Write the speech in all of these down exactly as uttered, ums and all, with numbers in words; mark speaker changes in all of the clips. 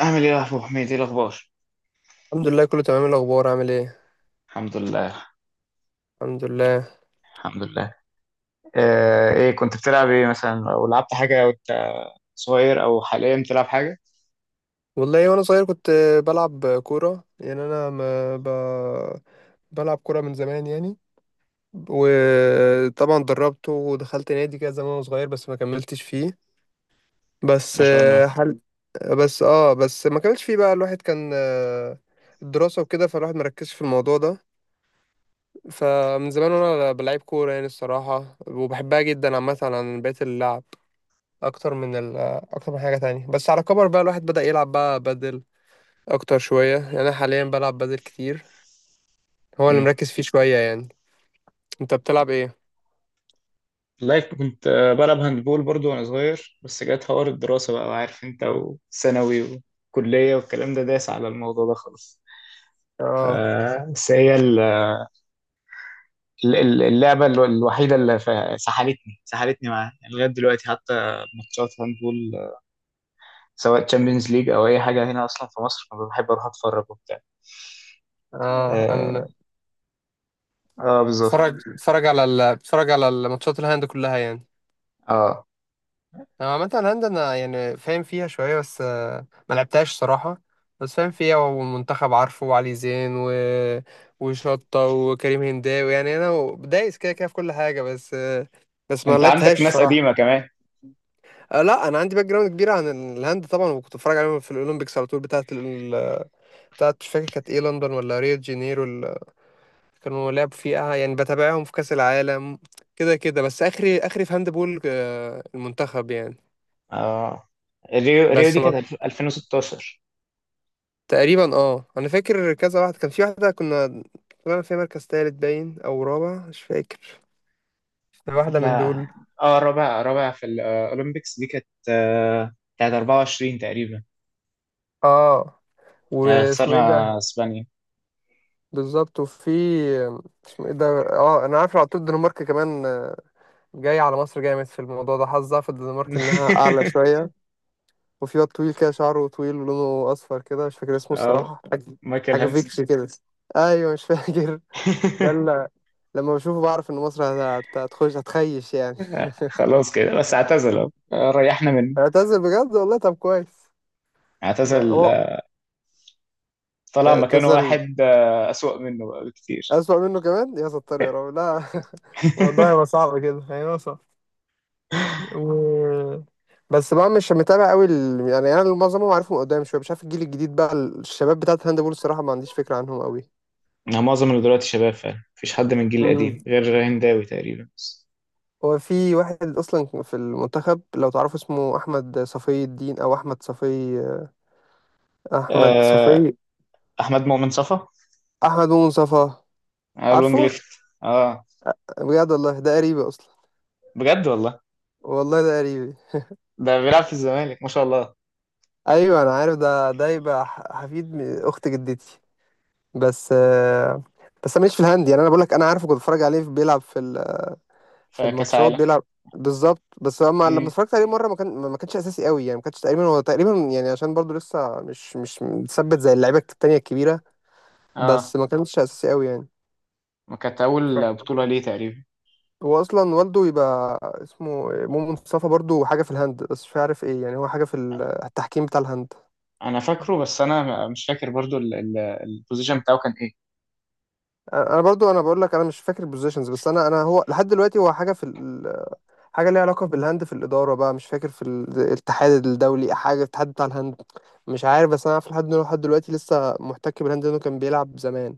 Speaker 1: أعمل إيه يا أبو حميد؟ إيه الأخبار؟
Speaker 2: الحمد لله، كله تمام. إيه الاخبار؟ عامل ايه؟
Speaker 1: الحمد لله.
Speaker 2: الحمد لله.
Speaker 1: الحمد لله. آه إيه كنت بتلعب إيه مثلا أو لعبت حاجة وأنت صغير أو حاليا بتلعب حاجة؟
Speaker 2: والله وانا صغير كنت بلعب كوره. يعني انا ما ب... بلعب كوره من زمان يعني. وطبعا دربت ودخلت نادي كده زمان وانا صغير، بس ما كملتش فيه. بس
Speaker 1: ما شاء
Speaker 2: آه،
Speaker 1: الله.
Speaker 2: حل بس اه بس ما كملتش فيه. بقى الواحد كان، آه، الدراسه وكده، فالواحد مركزش في الموضوع ده. فمن زمان وانا بلعب كوره يعني، الصراحه، وبحبها جدا عامه عن بقيه اللعب، اكتر من ال اكتر من حاجه تانية. بس على كبر بقى الواحد بدأ يلعب بقى بدل اكتر شويه. يعني انا حاليا بلعب بدل كتير، هو اللي
Speaker 1: مم.
Speaker 2: مركز فيه شويه يعني. انت بتلعب ايه؟
Speaker 1: لايك كنت آه، بلعب هاندبول برضو وأنا صغير، بس جت حوار الدراسة بقى، وعارف أنت وثانوي وكلية والكلام ده داس على الموضوع ده خالص.
Speaker 2: اه
Speaker 1: آه بس هي ال- ال- ال- اللعبة ال- الوحيدة اللي ف- سحلتني سحلتني معاها يعني لغاية دلوقتي. حتى ماتشات هاندبول، آه، سواء تشامبيونز ليج او اي حاجه هنا اصلا في مصر بحب اروح اتفرج وبتاع.
Speaker 2: اه
Speaker 1: اه،
Speaker 2: انا
Speaker 1: اه بالظبط.
Speaker 2: بتفرج بتفرج على ال... بتفرج على الماتشات الهاند كلها يعني.
Speaker 1: آه.
Speaker 2: انا عامه الهاند انا يعني فاهم فيها شويه، بس آه، ما لعبتهاش صراحه. بس فاهم فيها، ومنتخب عارفه، وعلي زين و... وشطه، وكريم هنداوي. يعني انا دايس كده كده في كل حاجه، بس آه، بس ما
Speaker 1: انت عندك
Speaker 2: لعبتهاش
Speaker 1: ناس
Speaker 2: صراحه.
Speaker 1: قديمه كمان.
Speaker 2: آه لا، انا عندي باك جراوند كبيره عن الهند طبعا. وكنت بتفرج عليهم في الاولمبيكس على طول، بتاعه ال... بتاعه مش فاكر كانت ايه، لندن ولا ريو دي جانيرو ال... كانوا لعبوا فيها. يعني بتابعهم في كاس العالم كده كده، بس اخري اخري في هاند بول آه، المنتخب يعني.
Speaker 1: اه، ريو ريو
Speaker 2: بس
Speaker 1: دي
Speaker 2: ما
Speaker 1: كانت ألفين وستاشر.
Speaker 2: تقريبا، اه انا فاكر كذا واحد، كان في واحده كنا طلعنا فيها مركز تالت، باين او رابع مش فاكر، واحده من
Speaker 1: لا،
Speaker 2: دول.
Speaker 1: اه، رابع رابع في الاولمبيكس دي كانت، آه، بتاعت أربعة وعشرين تقريبا.
Speaker 2: اه،
Speaker 1: آه،
Speaker 2: واسمه
Speaker 1: خسرنا
Speaker 2: ايه ده؟
Speaker 1: اسبانيا.
Speaker 2: بالظبط. وفي آه، اسمه ايه ده؟ اه، انا عارف على طول، الدنمارك كمان آه، جاي على مصر جامد في الموضوع ده، حظها في الدنمارك انها اعلى شويه. وفي واد طويل كده، شعره طويل ولونه اصفر كده، مش فاكر اسمه
Speaker 1: اه
Speaker 2: الصراحه، حاجه
Speaker 1: مايكل
Speaker 2: حاجه
Speaker 1: هانسن.
Speaker 2: فيكس كده. ايوه، مش فاكر. ده اللي لما بشوفه بعرف ان مصر هت- هتخش هتخيش يعني.
Speaker 1: خلاص كده بس اعتزل اهو، آه، ريحنا منه.
Speaker 2: اعتزل بجد والله؟ طب كويس. لا
Speaker 1: اعتزل،
Speaker 2: هو
Speaker 1: آه، طلع مكانه
Speaker 2: اعتزل،
Speaker 1: واحد آه، اسوأ منه بقى بكتير.
Speaker 2: اسوأ منه كمان؟ يا ستار يا رب، لا. الموضوع هيبقى صعب كده، هيبقى صعب. و... بس بقى مش متابع قوي ال... يعني انا معظمهم عارفهم قدام شويه، مش عارف الجيل الجديد بقى، الشباب بتاعت هاندبول الصراحه ما عنديش فكره عنهم قوي.
Speaker 1: أنا معظم اللي دلوقتي شباب فعلا، مفيش حد من الجيل
Speaker 2: مم.
Speaker 1: القديم غير هنداوي تقريبا بس.
Speaker 2: هو في واحد اصلا في المنتخب لو تعرفوا، اسمه احمد صفي الدين او احمد صفي احمد صفي
Speaker 1: آه، أحمد مؤمن صفا.
Speaker 2: احمد منصفى؟
Speaker 1: آه، الوينج
Speaker 2: عارفه.
Speaker 1: ليفت. اه
Speaker 2: بجد والله؟ ده قريبي اصلا،
Speaker 1: بجد والله،
Speaker 2: والله ده قريبي.
Speaker 1: ده بيلعب في الزمالك ما شاء الله.
Speaker 2: ايوه انا عارف ده ده يبقى ح- حفيد م- اخت جدتي. بس آه، بس انا ماليش في الهاند يعني. انا بقول لك، انا عارفه، كنت بتفرج عليه بيلعب في في
Speaker 1: في كأس
Speaker 2: الماتشات
Speaker 1: عالم.
Speaker 2: بيلعب. بالظبط، بس لما لما
Speaker 1: مم.
Speaker 2: اتفرجت عليه مره، ما كان ما كانش اساسي قوي يعني. ما كانش تقريبا، هو تقريبا يعني عشان برضو لسه مش مش متثبت زي اللعيبه التانيه الكبيره.
Speaker 1: اه،
Speaker 2: بس ما كانش اساسي قوي يعني.
Speaker 1: ما كانت أول بطولة ليه تقريبا.
Speaker 2: هو اصلا والده يبقى اسمه مو مصطفى، برضو حاجه في الهند بس مش عارف ايه يعني، هو حاجه في ال- التحكيم بتاع الهند.
Speaker 1: أنا فاكره، بس أنا مش فاكر برضو ال- ال- البوزيشن بتاعه كان إيه.
Speaker 2: انا برضو، انا بقول لك انا مش فاكر البوزيشنز. بس انا انا هو لحد دلوقتي هو حاجه في حاجة ليها علاقة بالهند، في الإدارة بقى، مش فاكر في ال- الاتحاد الدولي، حاجة الاتحاد بتاع الهند مش عارف. بس أنا عارف لحد إنه لحد دلوقتي لسه محتك بالهند، لأنه كان بيلعب زمان،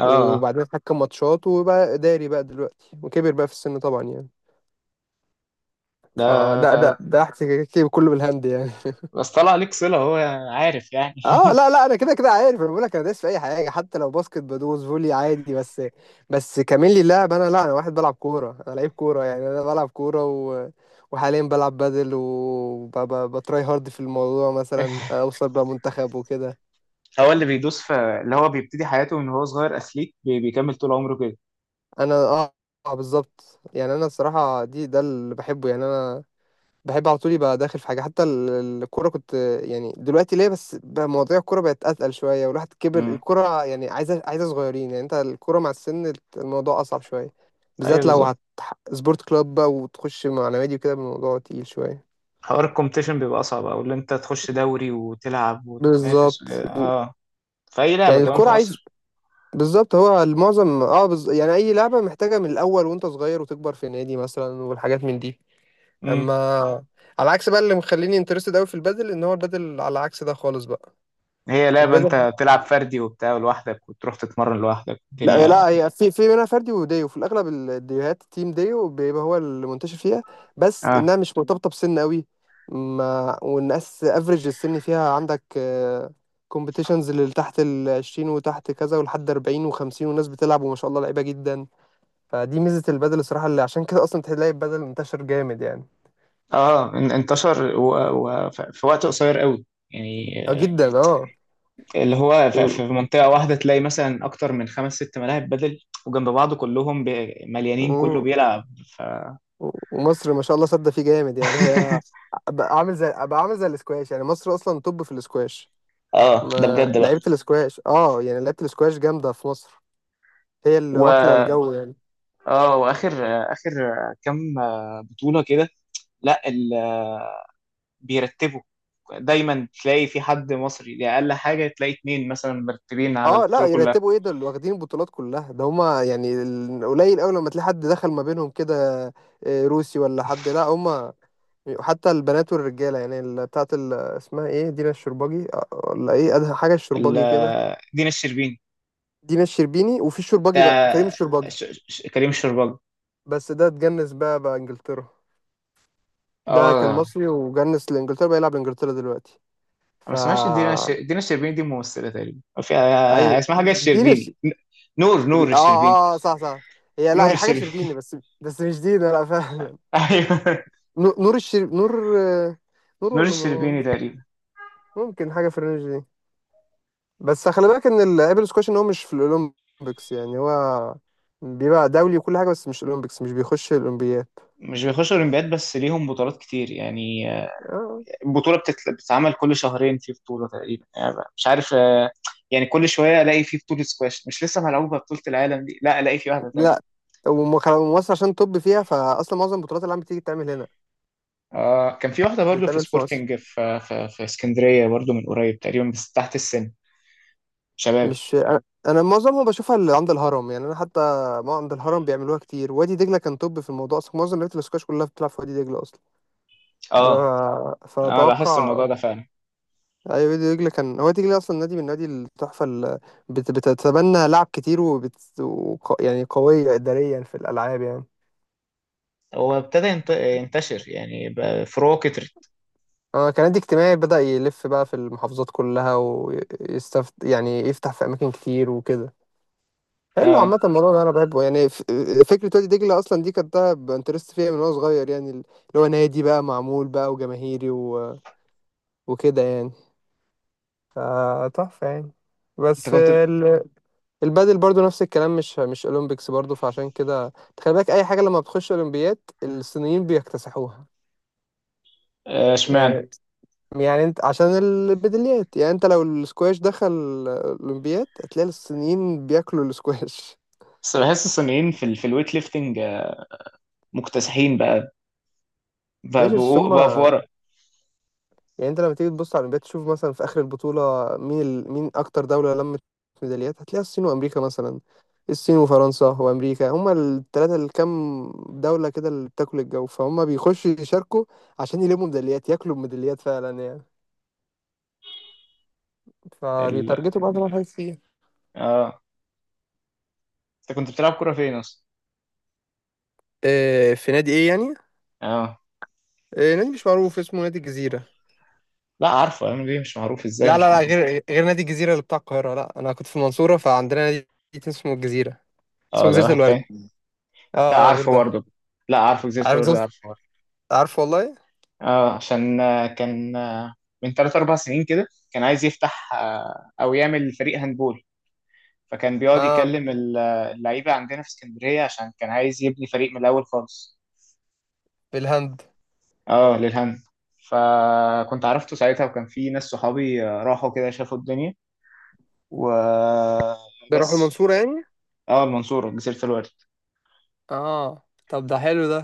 Speaker 1: اه
Speaker 2: وبعدين اتحكم ماتشات وبقى إداري بقى دلوقتي، وكبر بقى في السن طبعا يعني.
Speaker 1: ده
Speaker 2: فده ده
Speaker 1: ده-
Speaker 2: ده احتكاكي كله بالهند يعني.
Speaker 1: بس طلع ليك صلة، هو عارف يعني.
Speaker 2: اه لا لا، انا كده كده عارف. انا بقول لك انا دايس في اي حاجه، حتى لو باسكت بدوس، فولي عادي. بس بس كمان لي اللعب، انا لا، انا واحد بلعب كوره، انا لعيب كوره يعني. انا بلعب كوره و... وحاليا بلعب بادل، وبتراي هارد في الموضوع مثلا اوصل بقى منتخب وكده.
Speaker 1: هو اللي بيدوس في، اللي هو بيبتدي حياته من هو صغير أثليت، بي- بيكمل طول عمره كده.
Speaker 2: انا اه آه، بالظبط. يعني انا الصراحه دي ده اللي بحبه يعني. انا بحب على طول يبقى داخل في حاجه، حتى ال- الكوره كنت. يعني دلوقتي ليه بس بقى مواضيع الكوره بقت اتقل شويه، والواحد كبر.
Speaker 1: امم،
Speaker 2: الكوره يعني عايزه عايزه صغيرين، يعني انت الكوره مع السن الموضوع اصعب شويه.
Speaker 1: ايوه
Speaker 2: بالذات لو
Speaker 1: بالظبط.
Speaker 2: هت سبورت كلاب بقى وتخش مع نوادي وكده، الموضوع تقيل شويه.
Speaker 1: حوار الكومبيتيشن بيبقى أصعب، أو اللي أنت تخش دوري وتلعب وتنافس و-
Speaker 2: بالظبط
Speaker 1: اه، في أي لعبة
Speaker 2: يعني.
Speaker 1: كمان في
Speaker 2: الكوره عايز،
Speaker 1: مصر.
Speaker 2: بالظبط. هو المعظم، اه بز... يعني اي لعبه محتاجه من الاول وانت صغير، وتكبر في نادي مثلا، والحاجات من دي. اما
Speaker 1: امم.
Speaker 2: على عكس بقى، اللي مخليني انترستد قوي في البادل، ان هو البادل على عكس ده خالص بقى.
Speaker 1: هي لعبة أنت
Speaker 2: البادل،
Speaker 1: بتلعب فردي وبتاع لوحدك، وتروح تتمرن لوحدك
Speaker 2: لا
Speaker 1: الدنيا.
Speaker 2: لا، هي في في منها فردي وديو، في الاغلب الديوهات تيم ديو بيبقى هو اللي منتشر فيها. بس
Speaker 1: اه،
Speaker 2: انها مش مرتبطه بسن قوي. ما والناس افريج السن فيها، عندك كومبيتيشنز اللي تحت ال عشرين، وتحت كذا ولحد أربعين و50، والناس بتلعب وما شاء الله لعيبه جدا. فدي ميزه البادل الصراحه، اللي عشان كده اصلا تلاقي البادل انتشر جامد يعني.
Speaker 1: اه ان- انتشر و... و... ف- في وقت قصير قوي يعني،
Speaker 2: اه
Speaker 1: آه،
Speaker 2: جدا، اه.
Speaker 1: اللي هو ف- في
Speaker 2: و...
Speaker 1: منطقة واحدة تلاقي مثلا أكتر من خمس ست ملاعب بدل، وجنب بعض كلهم ب- مليانين، كله
Speaker 2: مم.
Speaker 1: بيلعب ف...
Speaker 2: ومصر ما شاء الله صد فيه جامد يعني. هي آه، بقى عامل زي بقى عامل زي الاسكواش يعني. مصر اصلا توب في الاسكواش.
Speaker 1: اه ده
Speaker 2: ما
Speaker 1: بجد بقى.
Speaker 2: لعيبة الاسكواش، اه يعني لعيبة الاسكواش جامدة في مصر، هي اللي واكلة
Speaker 1: و
Speaker 2: الجو يعني.
Speaker 1: اه، واخر اخر كام بطولة كده. لا ال- بيرتبوا. دايما تلاقي في حد مصري، دي اقل حاجه تلاقي اتنين مثلا مرتبين على
Speaker 2: اه لا،
Speaker 1: البطوله كلها.
Speaker 2: يرتبوا ايه؟ دول واخدين البطولات كلها، ده هما يعني ال- قليل قوي لما تلاقي حد دخل ما بينهم كده، آه، روسي ولا حد. لا هما، حتى البنات والرجالة يعني ال- بتاعت ال- اسمها ايه، دينا الشرباجي آه، ولا ايه، أدهى حاجة
Speaker 1: ال-
Speaker 2: الشرباجي كده.
Speaker 1: دينا الشربيني.
Speaker 2: دينا الشربيني؟ وفي
Speaker 1: ده
Speaker 2: الشرباجي بقى، كريم الشرباجي.
Speaker 1: ش- ش- كريم الشربال.
Speaker 2: بس ده اتجنس بقى بقى انجلترا. ده
Speaker 1: اه
Speaker 2: كان
Speaker 1: انا
Speaker 2: مصري وجنس لانجلترا، بقى يلعب لانجلترا دلوقتي.
Speaker 1: ما
Speaker 2: ف
Speaker 1: اسمهاش دينا الش- دينا الشربيني، دي ممثله تقريبا. في،
Speaker 2: اي
Speaker 1: آه، اسمها حاجه
Speaker 2: دي
Speaker 1: الشربيني، ن- نور نور
Speaker 2: ال- اه
Speaker 1: الشربيني.
Speaker 2: اه آه، صح صح. هي لا،
Speaker 1: نور
Speaker 2: هي حاجة
Speaker 1: الشربيني.
Speaker 2: شربيني، بس بس مش دي، ده لا. فعلا.
Speaker 1: ايوه
Speaker 2: نو- نور الشرب، نور، آه، نور
Speaker 1: نور
Speaker 2: ولا نور؟
Speaker 1: الشربيني تقريبا.
Speaker 2: ممكن حاجة في الرينج دي. بس خلي بالك ان الابل سكواش، ان هو مش في الاولمبيكس يعني، هو بيبقى دولي وكل حاجة، بس مش الاولمبيكس، مش بيخش الاولمبياد.
Speaker 1: مش بيخشوا اولمبياد، بس ليهم بطولات كتير يعني.
Speaker 2: آه.
Speaker 1: البطولة بتت- بتتعمل كل شهرين في بطولة تقريبا يعني، مش عارف، آه، يعني كل شوية ألاقي في بطولة سكواش. مش لسه ملعوبة بطولة العالم دي، لا ألاقي في واحدة تانية.
Speaker 2: لا وم- ومصر عشان طب فيها، فاصلا معظم البطولات اللي عم بتيجي بتتعمل هنا،
Speaker 1: آه كان في واحدة برضو
Speaker 2: بتتعمل
Speaker 1: في
Speaker 2: في مصر.
Speaker 1: سبورتنج، في، آه، في, في اسكندرية برضو من قريب تقريبا، بس تحت السن شباب.
Speaker 2: مش انا، أنا معظمها بشوفها اللي عند الهرم يعني. انا حتى ما عند الهرم بيعملوها كتير، وادي دجله كان توب في الموضوع اصلا، معظم لعيبه الاسكواش كلها بتلعب في وادي دجله اصلا.
Speaker 1: اه
Speaker 2: ف-
Speaker 1: أنا لاحظت الموضوع
Speaker 2: فاتوقع،
Speaker 1: ده فعلا.
Speaker 2: اي وادي دجله كان هو وادي دجله اصلا نادي من نادي التحفه، اللي بت... بتتبنى لعب كتير، وبت... وق... يعني قويه اداريا في الالعاب يعني.
Speaker 1: هو ابتدى ينت- ينتشر يعني، بقى فروعه كترت.
Speaker 2: آه، كان نادي اجتماعي، بدأ يلف بقى في المحافظات كلها ويستفت، يعني يفتح في أماكن كتير وكده. حلو
Speaker 1: اه
Speaker 2: عامة الموضوع ده أنا بحبه يعني. ف- فكرة وادي دجلة أصلا دي كنت بانترست فيها من وأنا صغير يعني، اللي هو نادي بقى معمول بقى وجماهيري و... وكده يعني، فتحفة يعني.
Speaker 1: انت
Speaker 2: بس
Speaker 1: كنت،
Speaker 2: ال... البادل برضو نفس الكلام، مش مش أولمبيكس برضو، فعشان كده تخلي بالك أي حاجة لما بتخش أولمبياد الصينيين بيكتسحوها
Speaker 1: آه، اشمعنى.
Speaker 2: يعني يعني أنت عشان البدليات يعني، أنت لو السكواش دخل أولمبياد هتلاقي الصينيين بياكلوا السكواش.
Speaker 1: بس بحس الصينيين في ال... في الويت ليفتنج، آه، مكتسحين بقى. بقى,
Speaker 2: ماشي، بس
Speaker 1: بقوا- بقى في
Speaker 2: هما
Speaker 1: ورا
Speaker 2: يعني، انت لما تيجي تبص على الاولمبياد، تشوف مثلا في اخر البطوله، مين ال... مين اكتر دوله لمت ميداليات، هتلاقيها الصين وامريكا مثلا، الصين وفرنسا وامريكا، هما الثلاثه اللي كام دوله كده اللي بتاكل الجو. فهم بيخشوا يشاركوا عشان يلموا ميداليات، ياكلوا ميداليات فعلا يعني،
Speaker 1: ال...
Speaker 2: فبيتارجتوا بعض الحاجات فيها.
Speaker 1: اه. انت كنت بتلعب كرة فين اصلا؟
Speaker 2: اه، في نادي ايه يعني؟
Speaker 1: اه
Speaker 2: اه نادي مش معروف اسمه، نادي الجزيره.
Speaker 1: لا عارفه ام بي، مش معروف ازاي
Speaker 2: لا لا
Speaker 1: مش
Speaker 2: لا،
Speaker 1: معروف.
Speaker 2: غير غير نادي الجزيره اللي بتاع القاهره، لا انا كنت في المنصوره، فعندنا نادي اسمه الجزيره،
Speaker 1: اه
Speaker 2: اسمه
Speaker 1: ده
Speaker 2: جزيره
Speaker 1: واحد
Speaker 2: الورد.
Speaker 1: تاني. لا
Speaker 2: اه اه، غير
Speaker 1: عارفه
Speaker 2: ده.
Speaker 1: برضه. لا عارفه، جزيرة
Speaker 2: عارف
Speaker 1: القرد
Speaker 2: جزيره،
Speaker 1: عارفه برضه.
Speaker 2: عارف والله.
Speaker 1: اه عشان، آه، كان آه، من ثلاث اربع سنين كده كان عايز يفتح، آه، او يعمل فريق هاندبول. فكان بيقعد
Speaker 2: اه،
Speaker 1: يكلم ال- آه، اللعيبه عندنا في اسكندريه، عشان كان عايز يبني فريق من الاول خالص.
Speaker 2: في الهند.
Speaker 1: اه للهاند. فكنت عرفته ساعتها، وكان في ناس صحابي، آه، راحوا كده شافوا الدنيا
Speaker 2: بيروحوا
Speaker 1: وبس.
Speaker 2: المنصورة يعني.
Speaker 1: اه المنصورة جزيرة
Speaker 2: اه طب ده حلو ده.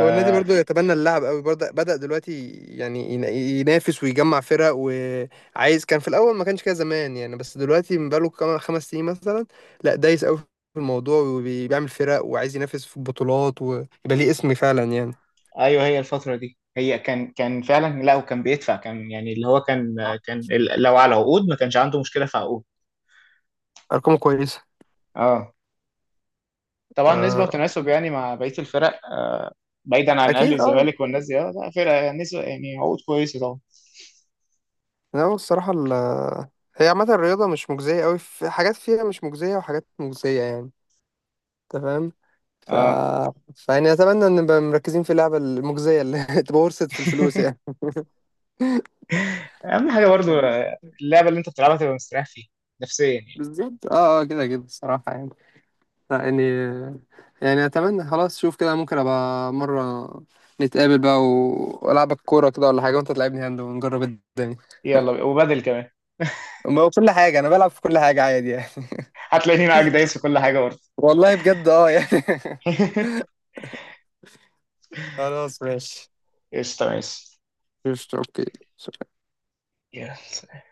Speaker 2: هو النادي برضو يتبنى اللعب قوي برضه، بدأ دلوقتي يعني ين- ينافس ويجمع فرق، وعايز. كان في الأول ما كانش كده زمان يعني، بس دلوقتي من بقاله كام- خمس سنين مثلا لا، دايس قوي في الموضوع وبيعمل فرق، وعايز ينافس في بطولات ويبقى ليه اسم فعلا يعني.
Speaker 1: ايوه هي الفتره دي، هي كان كان فعلا، لا وكان بيدفع، كان يعني اللي هو كان
Speaker 2: آه.
Speaker 1: كان ال- لو على عقود ما كانش عنده مشكله في عقود.
Speaker 2: أرقامه كويسة؟
Speaker 1: اه طبعا نسبه
Speaker 2: آه.
Speaker 1: وتناسب يعني مع بقيه الفرق، آه، بعيدا عن الاهلي
Speaker 2: أكيد أه.
Speaker 1: والزمالك والناس دي. آه، لا فرق نسبه يعني، عقود كويسه طبعا.
Speaker 2: لا هو الصراحة ال هي عامة الرياضة مش مجزية قوي، في حاجات فيها مش مجزية وحاجات مجزية يعني. تمام. ف...
Speaker 1: اه
Speaker 2: فيعني اتمنى ان نبقى مركزين في اللعبه المجزيه اللي تبقى ورثت في الفلوس يعني.
Speaker 1: اهم حاجه برضو، آه، اللعبه اللي انت بتلعبها تبقى مستريح فيها نفسيا يعني.
Speaker 2: بالظبط، اه اه كده كده الصراحه يعني. لا، يعني يعني اتمنى خلاص. شوف كده، ممكن ابقى مره نتقابل بقى و- والعبك كوره كده ولا حاجه، وانت تلعبني هاند ونجرب الدنيا.
Speaker 1: يلا بقى، وبدل كمان.
Speaker 2: ما هو كل حاجه انا بلعب في كل حاجه عادي يعني.
Speaker 1: هتلاقيني معاك دايس في كل حاجه برضه.
Speaker 2: والله بجد، اه يعني. خلاص ماشي.
Speaker 1: قشطه ماشي.
Speaker 2: قشطة، اوكي. سلام.
Speaker 1: يلا.